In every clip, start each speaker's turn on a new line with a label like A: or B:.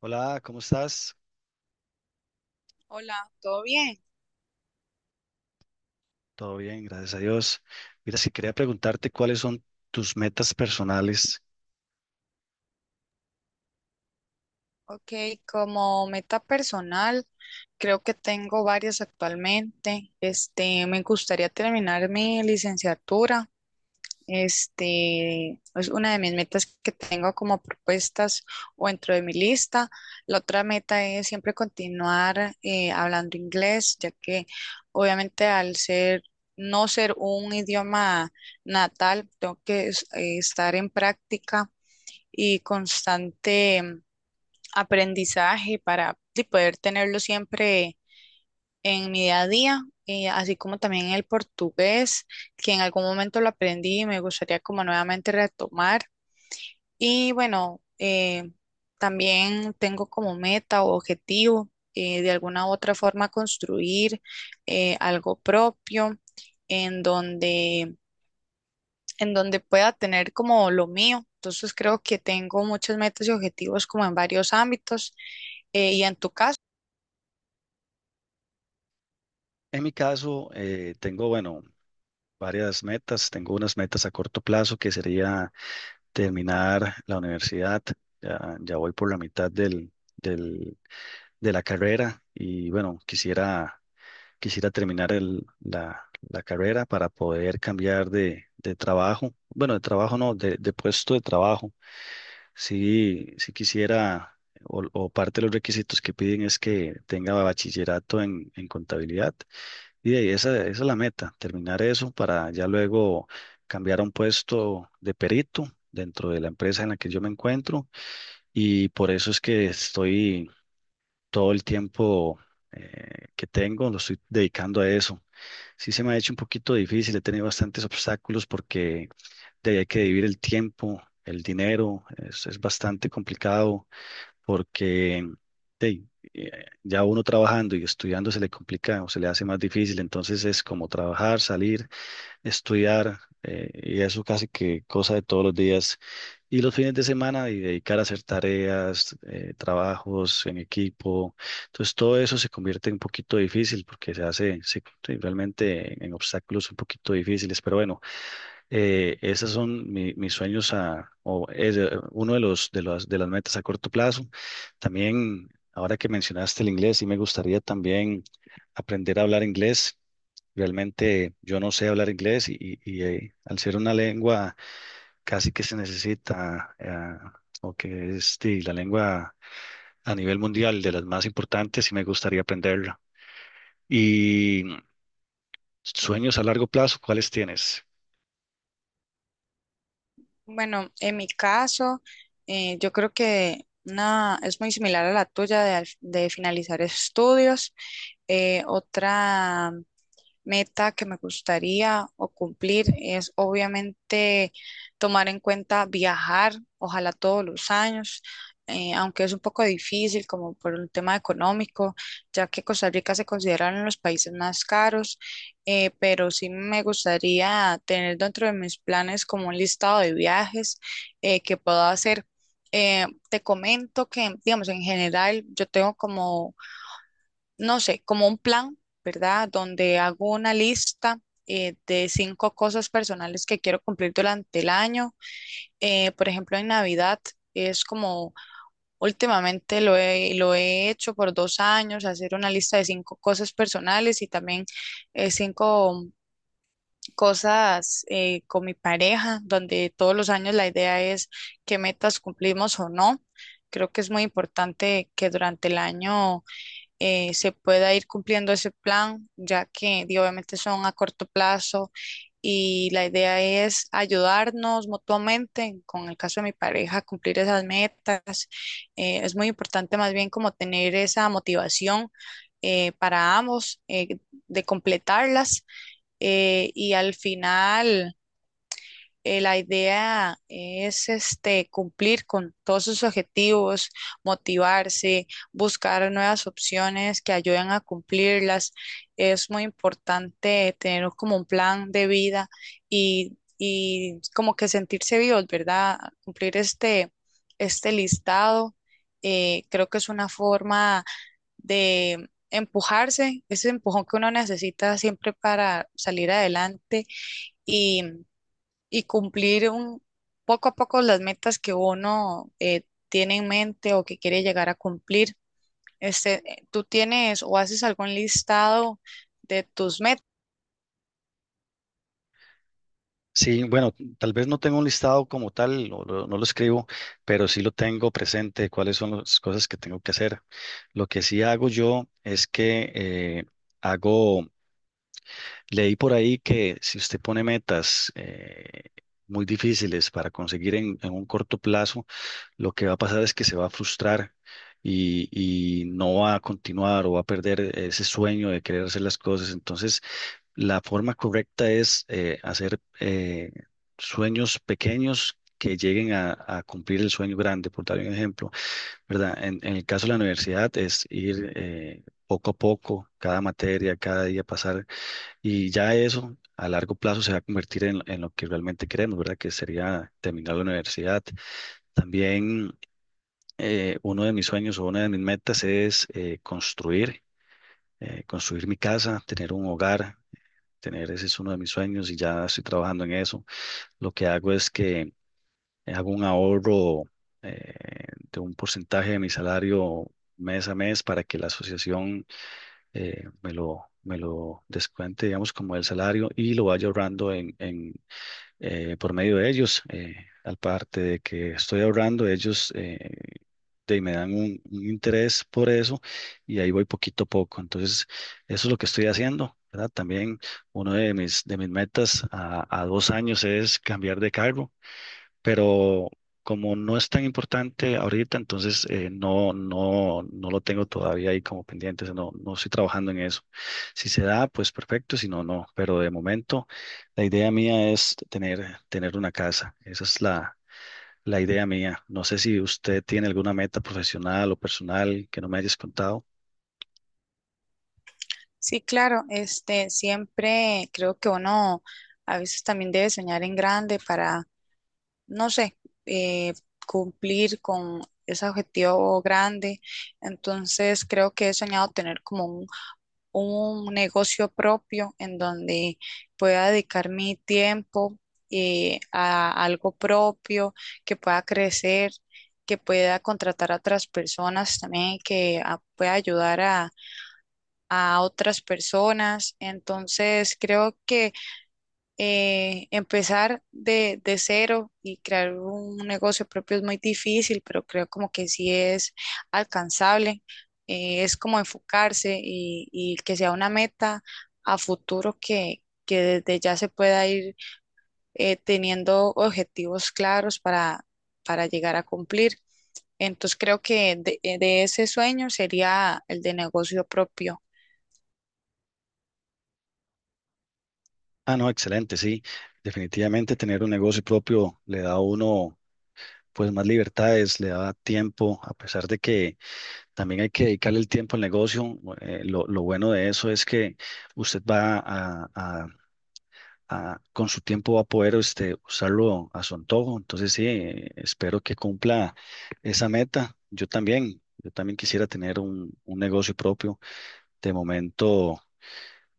A: Hola, ¿cómo estás?
B: Hola, ¿todo bien?
A: Todo bien, gracias a Dios. Mira, si quería preguntarte cuáles son tus metas personales.
B: Ok, como meta personal, creo que tengo varias actualmente. Me gustaría terminar mi licenciatura. Es una de mis metas que tengo como propuestas o dentro de mi lista. La otra meta es siempre continuar hablando inglés, ya que obviamente al ser no ser un idioma natal, tengo que estar en práctica y constante aprendizaje para sí, poder tenerlo siempre en mi día a día, así como también el portugués, que en algún momento lo aprendí y me gustaría como nuevamente retomar. Y bueno, también tengo como meta o objetivo de alguna u otra forma construir algo propio en donde, en donde pueda tener como lo mío. Entonces creo que tengo muchas metas y objetivos como en varios ámbitos. Y en tu caso,
A: En mi caso, tengo, bueno, varias metas. Tengo unas metas a corto plazo que sería terminar la universidad. Ya voy por la mitad de la carrera y bueno, quisiera terminar la carrera para poder cambiar de trabajo. Bueno, de trabajo no, de puesto de trabajo. Sí, sí quisiera, o parte de los requisitos que piden es que tenga bachillerato en contabilidad. Y de ahí esa es la meta, terminar eso para ya luego cambiar a un puesto de perito dentro de la empresa en la que yo me encuentro. Y por eso es que estoy todo el tiempo que tengo lo estoy dedicando a eso. Sí se me ha hecho un poquito difícil, he tenido bastantes obstáculos porque de ahí hay que dividir el tiempo, el dinero, es bastante complicado porque de ahí, ya uno trabajando y estudiando se le complica o se le hace más difícil, entonces es como trabajar, salir, estudiar, y eso casi que cosa de todos los días. Y los fines de semana y dedicar a hacer tareas, trabajos en equipo. Entonces todo eso se convierte en un poquito difícil porque se hace sí, sí, realmente en obstáculos un poquito difíciles. Pero bueno, esos son mis sueños a, o es uno de los, de las metas a corto plazo. También, ahora que mencionaste el inglés, sí me gustaría también aprender a hablar inglés. Realmente yo no sé hablar inglés y al ser una lengua casi que se necesita, o que es sí, la lengua a nivel mundial de las más importantes, y me gustaría aprenderla. Y sueños a largo plazo, ¿cuáles tienes?
B: bueno, en mi caso, yo creo que una, es muy similar a la tuya de, de finalizar estudios. Otra meta que me gustaría o cumplir es obviamente tomar en cuenta viajar, ojalá todos los años, aunque es un poco difícil como por un tema económico, ya que Costa Rica se considera uno de los países más caros, pero sí me gustaría tener dentro de mis planes como un listado de viajes que pueda hacer. Te comento que, digamos, en general yo tengo como no sé, como un plan, ¿verdad? Donde hago una lista de cinco cosas personales que quiero cumplir durante el año. Por ejemplo, en Navidad es como últimamente lo he hecho por 2 años, hacer una lista de cinco cosas personales y también cinco cosas con mi pareja, donde todos los años la idea es qué metas cumplimos o no. Creo que es muy importante que durante el año se pueda ir cumpliendo ese plan, ya que di, obviamente son a corto plazo y la idea es ayudarnos mutuamente, con el caso de mi pareja, a cumplir esas metas. Es muy importante más bien como tener esa motivación para ambos, de completarlas y al final, la idea es cumplir con todos sus objetivos, motivarse, buscar nuevas opciones que ayuden a cumplirlas. Es muy importante tener como un plan de vida y como que sentirse vivos, ¿verdad? Cumplir este listado. Creo que es una forma de empujarse, ese empujón que uno necesita siempre para salir adelante. Y y cumplir poco a poco las metas que uno tiene en mente o que quiere llegar a cumplir. ¿Tú tienes o haces algún listado de tus metas?
A: Sí, bueno, tal vez no tengo un listado como tal, no lo escribo, pero sí lo tengo presente, cuáles son las cosas que tengo que hacer. Lo que sí hago yo es que hago. Leí por ahí que si usted pone metas muy difíciles para conseguir en un corto plazo, lo que va a pasar es que se va a frustrar y, y no va a continuar o va a perder ese sueño de querer hacer las cosas. Entonces, la forma correcta es hacer sueños pequeños, que lleguen a cumplir el sueño grande, por dar un ejemplo, ¿verdad? En el caso de la universidad es ir poco a poco, cada materia, cada día pasar, y ya eso a largo plazo se va a convertir en lo que realmente queremos, ¿verdad? Que sería terminar la universidad. También uno de mis sueños o una de mis metas es construir, construir mi casa, tener un hogar, tener ese es uno de mis sueños y ya estoy trabajando en eso. Lo que hago es que hago un ahorro, eh, de un porcentaje de mi salario mes a mes para que la asociación me lo descuente, digamos, como el salario y lo vaya ahorrando en por medio de ellos. Al parte de que estoy ahorrando, ellos me dan un interés por eso y ahí voy poquito a poco. Entonces, eso es lo que estoy haciendo, ¿verdad? También uno de mis metas a dos años es cambiar de cargo, pero como no es tan importante ahorita, entonces no, no, no lo tengo todavía ahí como pendiente, o sea, no, no estoy trabajando en eso. Si se da, pues perfecto, si no, no, pero de momento la idea mía es tener, tener una casa, esa es la, la idea mía. No sé si usted tiene alguna meta profesional o personal que no me hayas contado.
B: Sí, claro, siempre creo que uno a veces también debe soñar en grande para, no sé, eh, cumplir con ese objetivo grande. Entonces, creo que he soñado tener como un negocio propio en donde pueda dedicar mi tiempo a algo propio, que pueda crecer, que pueda contratar a otras personas también, pueda ayudar a otras personas. Entonces, creo que empezar de cero y crear un negocio propio es muy difícil, pero creo como que sí es alcanzable. Es como enfocarse y que sea una meta a futuro que desde ya se pueda ir teniendo objetivos claros para llegar a cumplir. Entonces creo que de ese sueño sería el de negocio propio.
A: Ah, no, excelente, sí. Definitivamente tener un negocio propio le da a uno pues más libertades, le da tiempo, a pesar de que también hay que dedicarle el tiempo al negocio. Lo bueno de eso es que usted va a- con su tiempo va a poder este, usarlo a su antojo. Entonces, sí, espero que cumpla esa meta. Yo también quisiera tener un negocio propio. De momento.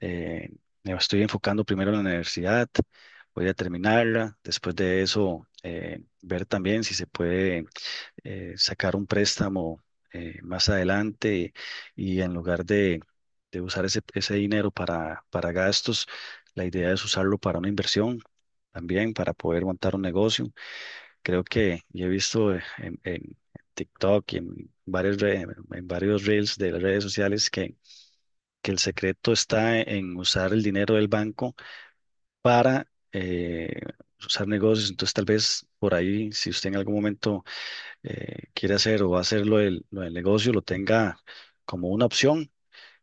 A: Eh, me estoy enfocando primero en la universidad, voy a terminarla, después de eso ver también si se puede sacar un préstamo más adelante y, en lugar de usar ese dinero para gastos, la idea es usarlo para una inversión también, para poder montar un negocio. Creo que yo he visto en TikTok y en varios en varios reels de las redes sociales que el secreto está en usar el dinero del banco para eh, usar negocios. Entonces, tal vez por ahí, si usted en algún momento quiere hacer o va a hacer lo del negocio, lo tenga como una opción,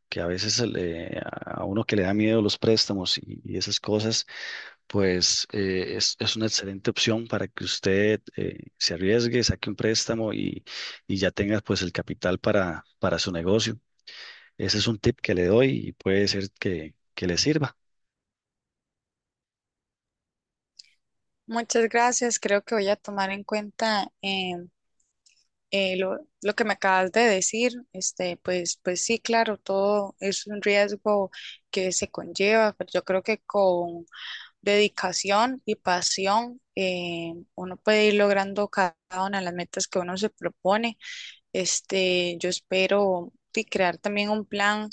A: que a veces a uno que le da miedo los préstamos y esas cosas, pues es una excelente opción para que usted se arriesgue, saque un préstamo y ya tenga pues el capital para su negocio. Ese es un tip que le doy y puede ser que le sirva.
B: Muchas gracias. Creo que voy a tomar en cuenta lo que me acabas de decir, pues, pues sí, claro, todo es un riesgo que se conlleva, pero yo creo que con dedicación y pasión, uno puede ir logrando cada una de las metas que uno se propone. Yo espero sí, crear también un plan,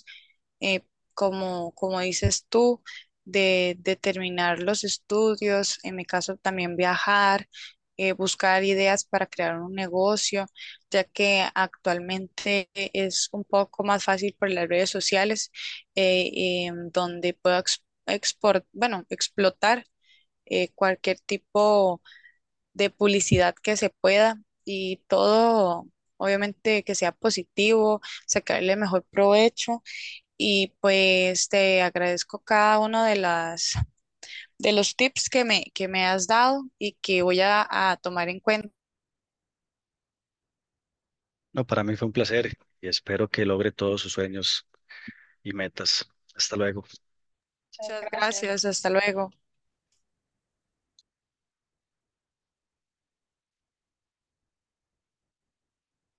B: eh, como, como dices tú, de terminar los estudios, en mi caso también viajar, buscar ideas para crear un negocio, ya que actualmente es un poco más fácil por las redes sociales, donde puedo bueno, explotar cualquier tipo de publicidad que se pueda y todo, obviamente, que sea positivo, sacarle mejor provecho y pues te agradezco cada uno de las de los tips que me has dado y que voy a tomar en cuenta.
A: No, para mí fue un placer y espero que logre todos sus sueños y metas. Hasta luego.
B: Muchas gracias, hasta luego.